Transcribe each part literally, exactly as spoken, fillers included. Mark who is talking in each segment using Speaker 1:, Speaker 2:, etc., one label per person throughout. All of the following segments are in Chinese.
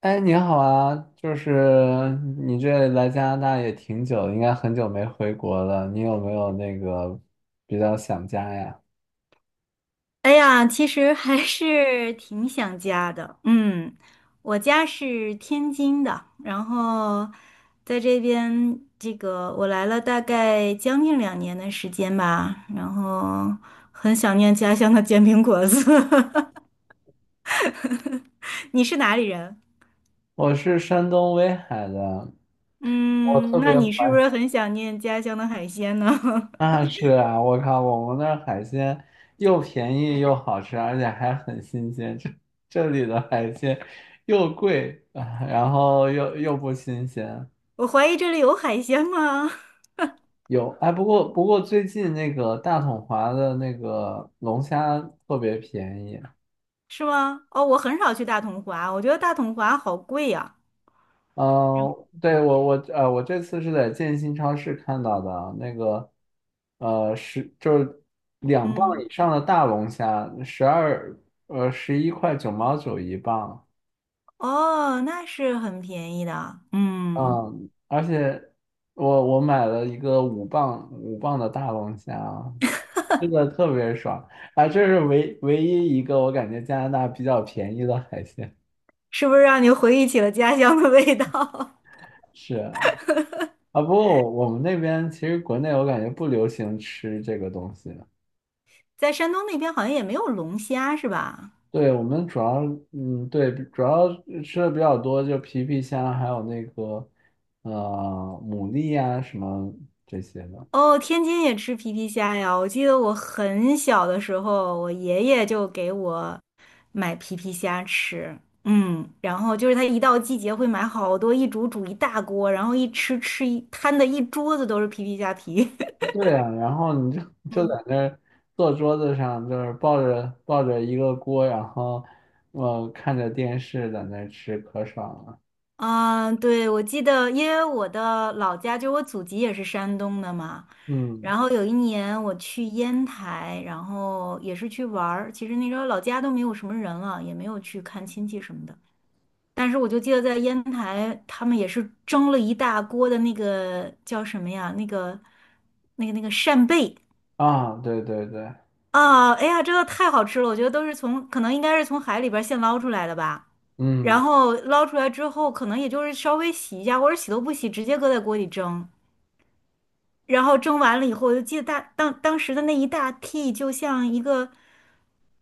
Speaker 1: 哎，你好啊！就是你这来加拿大也挺久，应该很久没回国了。你有没有那个比较想家呀？
Speaker 2: 哎呀，其实还是挺想家的。嗯，我家是天津的，然后在这边，这个我来了大概将近两年的时间吧，然后很想念家乡的煎饼果子。你是哪里人？
Speaker 1: 我是山东威海的。我
Speaker 2: 嗯，
Speaker 1: 特
Speaker 2: 那
Speaker 1: 别
Speaker 2: 你是
Speaker 1: 怀
Speaker 2: 不是很想念家乡的海鲜呢？
Speaker 1: 那是啊！我靠，我们那儿海鲜又便宜又好吃，而且还很新鲜。这这里的海鲜又贵啊，然后又又不新鲜。
Speaker 2: 我怀疑这里有海鲜吗？
Speaker 1: 有，哎，不过不过最近那个大统华的那个龙虾特别便宜。
Speaker 2: 是吗？哦，我很少去大统华，我觉得大统华好贵呀。
Speaker 1: 嗯，对，我我呃，我这次是在建新超市看到的那个，呃，十就是两磅
Speaker 2: 嗯。
Speaker 1: 以上的大龙虾，十二呃十一块九毛九一磅。
Speaker 2: 哦，那是很便宜的，嗯，
Speaker 1: 嗯，而且我我买了一个五磅五磅的大龙虾，吃的特别爽啊，这是唯唯一一个我感觉加拿大比较便宜的海鲜。
Speaker 2: 是不是让你回忆起了家乡的味道？
Speaker 1: 是啊，啊不过我我们那边，其实国内我感觉不流行吃这个东西。
Speaker 2: 在山东那边好像也没有龙虾，是吧？
Speaker 1: 对，我们主要，嗯，对，主要吃的比较多，就皮皮虾，还有那个，呃，牡蛎啊，什么这些的。
Speaker 2: 哦，天津也吃皮皮虾呀。我记得我很小的时候，我爷爷就给我买皮皮虾吃，嗯，然后就是他一到季节会买好多，一煮煮一大锅，然后一吃吃一摊的一桌子都是皮皮虾皮。
Speaker 1: 对呀，然后你就 就
Speaker 2: 嗯。
Speaker 1: 在那儿坐桌子上，就是抱着抱着一个锅，然后，呃，看着电视在那儿吃，可爽了。
Speaker 2: 啊，对，我记得，因为我的老家就我祖籍也是山东的嘛，
Speaker 1: 嗯，
Speaker 2: 然后有一年我去烟台，然后也是去玩儿。其实那时候老家都没有什么人了，也没有去看亲戚什么的。但是我就记得在烟台，他们也是蒸了一大锅的那个叫什么呀？那个、那个、那个扇贝
Speaker 1: 啊，对对对，
Speaker 2: 啊！哎呀，真的太好吃了！我觉得都是从可能应该是从海里边儿现捞出来的吧。然
Speaker 1: 嗯，
Speaker 2: 后捞出来之后，可能也就是稍微洗一下，或者洗都不洗，直接搁在锅里蒸。然后蒸完了以后，我就记得大当当时的那一大屉就像一个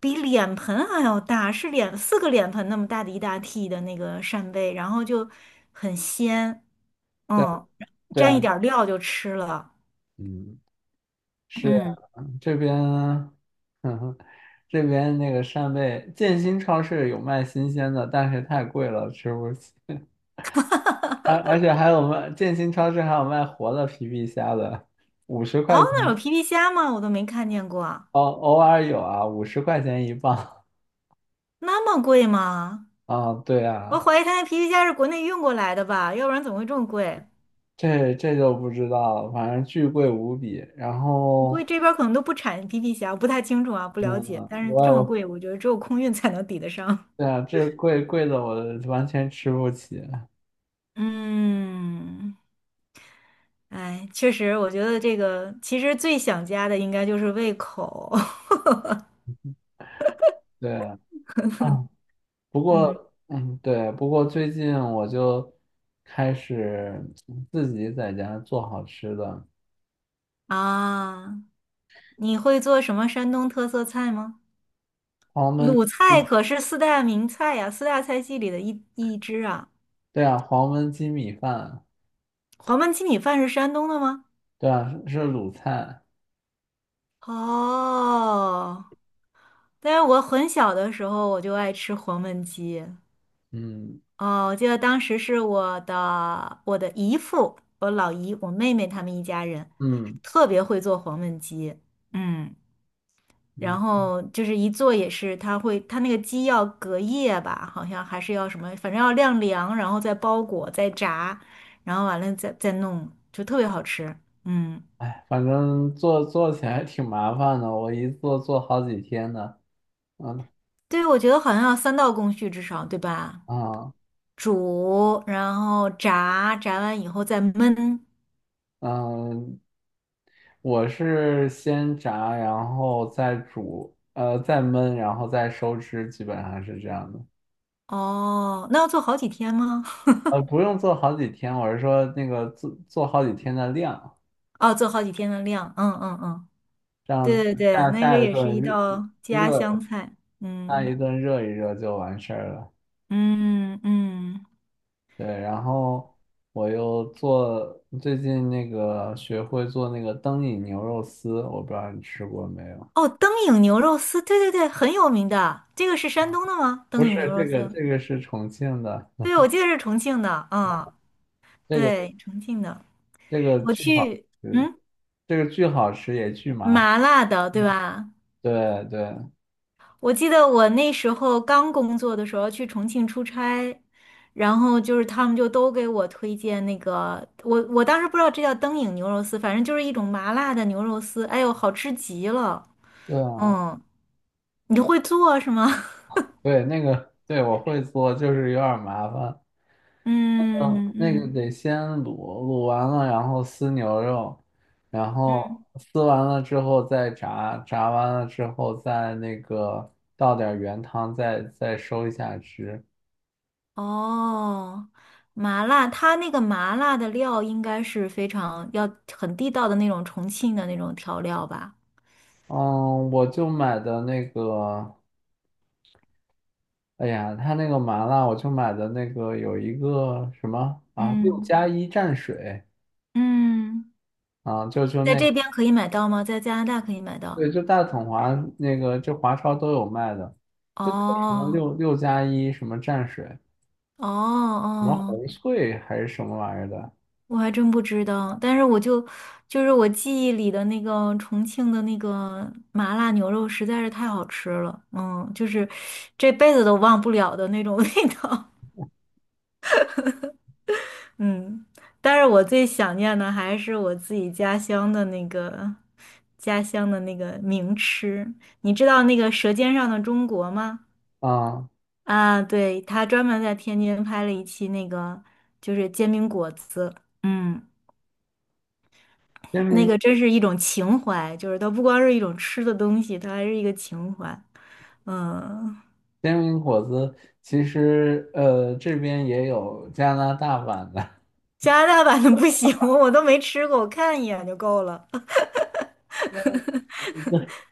Speaker 2: 比脸盆还要大，是脸四个脸盆那么大的一大屉的那个扇贝，然后就很鲜，
Speaker 1: 对
Speaker 2: 嗯，
Speaker 1: 对
Speaker 2: 沾一
Speaker 1: 啊，
Speaker 2: 点儿料就吃了，
Speaker 1: 嗯。是。
Speaker 2: 嗯，
Speaker 1: 这边，嗯哼，这边那个扇贝，建新超市有卖新鲜的，但是太贵了，吃不起。而而且还有卖建新超市还有卖活的皮皮虾的，五十
Speaker 2: 哦，
Speaker 1: 块
Speaker 2: 那有
Speaker 1: 钱。
Speaker 2: 皮皮虾吗？我都没看见过，
Speaker 1: 哦，偶尔有啊，五十块钱一磅。
Speaker 2: 那么贵吗？
Speaker 1: 啊，对
Speaker 2: 我
Speaker 1: 啊，
Speaker 2: 怀疑他那皮皮虾是国内运过来的吧，要不然怎么会这么贵？
Speaker 1: 这这就不知道了，反正巨贵无比。然
Speaker 2: 我估计
Speaker 1: 后，
Speaker 2: 这边儿可能都不产皮皮虾，我不太清楚啊，不了
Speaker 1: 嗯，
Speaker 2: 解。但是
Speaker 1: 我
Speaker 2: 这么
Speaker 1: 有，
Speaker 2: 贵，我觉得只有空运才能抵得上。
Speaker 1: 对啊，这贵贵的我完全吃不起。
Speaker 2: 嗯，哎，确实，我觉得这个其实最想家的应该就是胃口。
Speaker 1: 对啊。啊不
Speaker 2: 嗯
Speaker 1: 过，嗯，对，不过最近我就开始，嗯自己在家做好吃的，
Speaker 2: 啊，你会做什么山东特色菜吗？
Speaker 1: 黄焖。
Speaker 2: 鲁菜可是四大名菜呀，四大菜系里的一一支啊。
Speaker 1: 对啊，黄焖鸡米饭。
Speaker 2: 黄焖鸡米饭是山东的吗？
Speaker 1: 对啊，是是鲁菜。
Speaker 2: 哦，但是我很小的时候我就爱吃黄焖鸡，
Speaker 1: 嗯
Speaker 2: 哦，我记得当时是我的我的姨父，我老姨，我妹妹他们一家人，
Speaker 1: 嗯
Speaker 2: 特别会做黄焖鸡，嗯，
Speaker 1: 嗯，
Speaker 2: 然后就是一做也是，他会他那个鸡要隔夜吧，好像还是要什么，反正要晾凉，然后再包裹，再炸，然后完了再再弄，就特别好吃，嗯，
Speaker 1: 哎，反正做做起来挺麻烦的，我一做做好几天呢。嗯
Speaker 2: 对，我觉得好像要三道工序至少，对吧？
Speaker 1: 嗯
Speaker 2: 煮，然后炸，炸完以后再焖，
Speaker 1: 嗯，我是先炸，然后再煮，呃，再焖，然后再收汁，基本上是这样的。
Speaker 2: 哦，那要做好几天吗？
Speaker 1: 呃，不用做好几天，我是说那个做做好几天的量。
Speaker 2: 哦，做好几天的量，嗯嗯嗯，
Speaker 1: 这样
Speaker 2: 对对对，
Speaker 1: 下
Speaker 2: 那个
Speaker 1: 下一
Speaker 2: 也是一
Speaker 1: 顿
Speaker 2: 道家
Speaker 1: 热热
Speaker 2: 乡菜，
Speaker 1: 下一
Speaker 2: 嗯
Speaker 1: 顿热一热就完事儿了。
Speaker 2: 嗯嗯，
Speaker 1: 对，然后我又做最近那个学会做那个灯影牛肉丝，我不知道你吃过没有？
Speaker 2: 哦，灯影牛肉丝，对对对，很有名的，这个是山东的吗？
Speaker 1: 不
Speaker 2: 灯
Speaker 1: 是
Speaker 2: 影牛
Speaker 1: 这
Speaker 2: 肉
Speaker 1: 个，
Speaker 2: 丝，
Speaker 1: 这个是重庆的，
Speaker 2: 对，我记得是重庆的，嗯，
Speaker 1: 这个
Speaker 2: 对，重庆的，
Speaker 1: 这个
Speaker 2: 我
Speaker 1: 巨好
Speaker 2: 去，
Speaker 1: 吃，
Speaker 2: 嗯，
Speaker 1: 这个巨好吃也巨麻烦。
Speaker 2: 麻辣的，对吧？
Speaker 1: 对对
Speaker 2: 我记得我那时候刚工作的时候去重庆出差，然后就是他们就都给我推荐那个，我我当时不知道这叫灯影牛肉丝，反正就是一种麻辣的牛肉丝，哎呦，好吃极了。
Speaker 1: 对啊。
Speaker 2: 嗯，你会做是吗？
Speaker 1: 对那个对我会做，就是有点儿麻烦。
Speaker 2: 嗯
Speaker 1: 那个
Speaker 2: 嗯
Speaker 1: 得先卤，卤完了然后撕牛肉，然后
Speaker 2: 嗯，
Speaker 1: 撕完了之后再炸，炸完了之后再那个倒点儿原汤，再，再收一下汁。
Speaker 2: 哦，麻辣，它那个麻辣的料应该是非常要很地道的那种重庆的那种调料吧？
Speaker 1: 嗯，我就买的那个，哎呀，他那个麻辣，我就买的那个有一个什么啊，六
Speaker 2: 嗯
Speaker 1: 加一蘸水
Speaker 2: 嗯，
Speaker 1: 啊，就就
Speaker 2: 在
Speaker 1: 那。
Speaker 2: 这边可以买到吗？在加拿大可以买到？
Speaker 1: 对，就大统华那个，就华超都有卖的，就那个什么
Speaker 2: 哦
Speaker 1: 六六加一什么蘸水。
Speaker 2: 哦
Speaker 1: 什么
Speaker 2: 哦，
Speaker 1: 红脆还是什么玩意儿的
Speaker 2: 我还真不知道，但是我就就是我记忆里的那个重庆的那个麻辣牛肉实在是太好吃了，嗯，就是这辈子都忘不了的那种味道，嗯，但是我最想念的还是我自己家乡的那个家乡的那个名吃，你知道那个《舌尖上的中国》吗？
Speaker 1: 啊？
Speaker 2: 啊，对，他专门在天津拍了一期那个就是煎饼果子，嗯。
Speaker 1: 煎
Speaker 2: 那
Speaker 1: 饼
Speaker 2: 个真是一种情怀，就是它不光是一种吃的东西，它还是一个情怀。嗯，
Speaker 1: 煎饼果子，其实呃这边也有加拿大版的。
Speaker 2: 加拿大版的不行，我都没吃过，我看一眼就够了。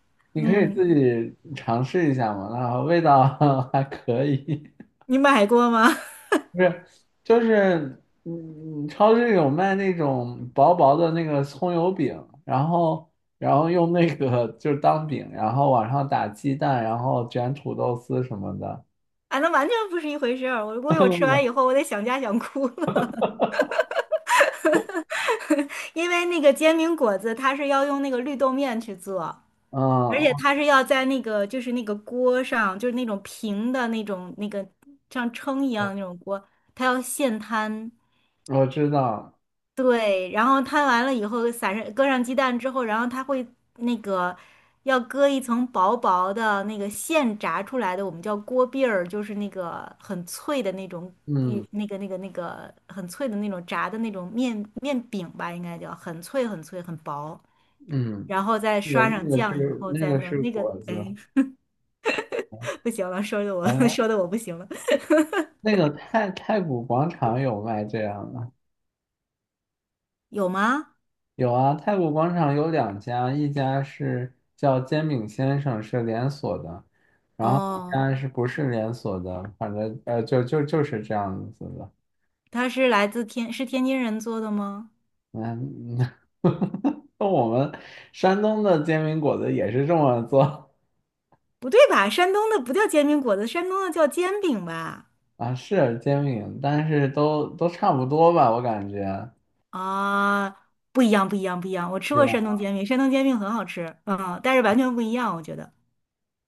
Speaker 1: 你可以
Speaker 2: 嗯，
Speaker 1: 自己尝试一下嘛，那味道 还可以。
Speaker 2: 你买过吗？
Speaker 1: 不是就是，嗯，超市有卖那种薄薄的那个葱油饼，然后然后用那个就是当饼，然后往上打鸡蛋，然后卷土豆丝什么的。
Speaker 2: 啊，那完全不是一回事儿。我估计我吃完以后，我得想家想哭了，因为那个煎饼果子它是要用那个绿豆面去做，而且
Speaker 1: 嗯，
Speaker 2: 它是要在那个就是那个锅上，就是那种平的那种那个像称一样的那种锅，它要现摊。
Speaker 1: 我知道，
Speaker 2: 对，然后摊完了以后，撒上搁上鸡蛋之后，然后它会那个要搁一层薄薄的那个现炸出来的，我们叫锅篦儿，就是那个很脆的那种
Speaker 1: 嗯
Speaker 2: 与那个那个那个很脆的那种炸的那种面面饼吧，应该叫很脆很脆很薄，
Speaker 1: 嗯。
Speaker 2: 然后再
Speaker 1: 那
Speaker 2: 刷
Speaker 1: 个
Speaker 2: 上
Speaker 1: 那个
Speaker 2: 酱以
Speaker 1: 是
Speaker 2: 后
Speaker 1: 那
Speaker 2: 再
Speaker 1: 个
Speaker 2: 弄
Speaker 1: 是
Speaker 2: 那个，
Speaker 1: 果子。
Speaker 2: 哎，不行了，说的我
Speaker 1: 好 像
Speaker 2: 说的我不行了，
Speaker 1: 那个太太古广场有卖这样的。
Speaker 2: 有吗？
Speaker 1: 有啊，太古广场有两家，一家是叫煎饼先生，是连锁的，然后一
Speaker 2: 哦，
Speaker 1: 家是不是连锁的，反正呃就就就是这样子的。
Speaker 2: 它是来自天是天津人做的吗？
Speaker 1: 嗯，那我们山东的煎饼果子也是这么做
Speaker 2: 不对吧？山东的不叫煎饼果子，山东的叫煎饼吧？
Speaker 1: 啊。是煎饼，但是都都差不多吧，我感觉。
Speaker 2: 啊，不一样，不一样，不一样。我吃
Speaker 1: 对
Speaker 2: 过山东煎饼，山东煎饼很好吃，嗯，但是完全不一样，我觉得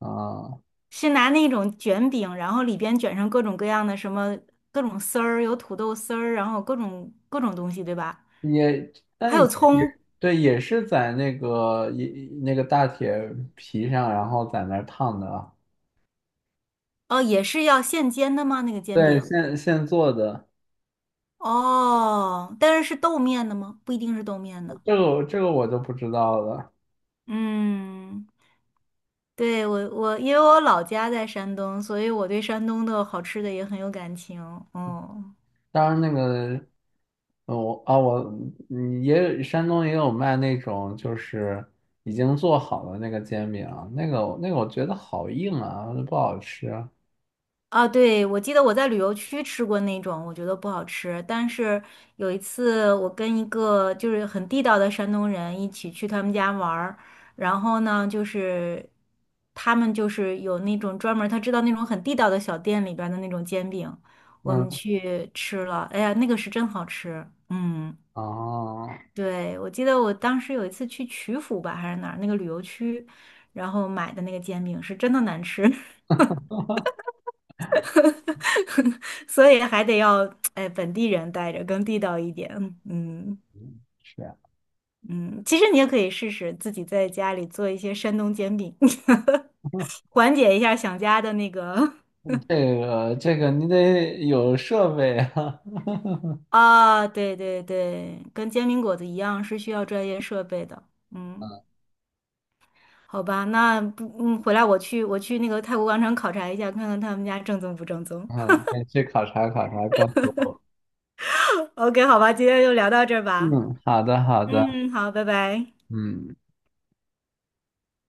Speaker 1: 啊，
Speaker 2: 是拿那种卷饼，然后里边卷上各种各样的什么各种丝儿，有土豆丝儿，然后各种各种东西，对吧？
Speaker 1: 也，但
Speaker 2: 还
Speaker 1: 也
Speaker 2: 有
Speaker 1: 也
Speaker 2: 葱，
Speaker 1: 对，也是在那个一那个大铁皮上，然后在那儿烫的啊。
Speaker 2: 哦，也是要现煎的吗？那个煎
Speaker 1: 对，
Speaker 2: 饼？
Speaker 1: 现现做的。
Speaker 2: 哦，但是是豆面的吗？不一定是豆面的。
Speaker 1: 这个这个我就不知道了。
Speaker 2: 嗯，对，我我因为我老家在山东，所以我对山东的好吃的也很有感情。嗯，
Speaker 1: 当然那个，呃我啊我嗯也有山东也有卖那种就是已经做好的那个煎饼啊，那个那个我觉得好硬啊，不好吃啊。
Speaker 2: 啊，对，我记得我在旅游区吃过那种，我觉得不好吃。但是有一次，我跟一个就是很地道的山东人一起去他们家玩儿，然后呢，就是他们就是有那种专门儿他知道那种很地道的小店里边儿的那种煎饼，我们
Speaker 1: 嗯，
Speaker 2: 去吃了，哎呀，那个是真好吃。嗯。
Speaker 1: 哦，
Speaker 2: 对，我记得我当时有一次去曲阜吧，还是哪儿那个旅游区，然后买的那个煎饼是真的难吃，所以还得要哎本地人带着更地道一点。嗯
Speaker 1: 是啊，
Speaker 2: 嗯，其实你也可以试试自己在家里做一些山东煎饼，缓解一下想家的那个
Speaker 1: 这个这个你得有设备啊。
Speaker 2: 啊，对对对，跟煎饼果子一样是需要专业设备的。嗯，好吧，那不嗯，回来我去我去那个泰国广场考察一下，看看他们家正宗不正宗。
Speaker 1: 嗯，可以去考察考察，告诉我。
Speaker 2: O K，好吧，今天就聊到这儿吧。
Speaker 1: 嗯，好的好的，
Speaker 2: 嗯，好，拜拜。
Speaker 1: 嗯。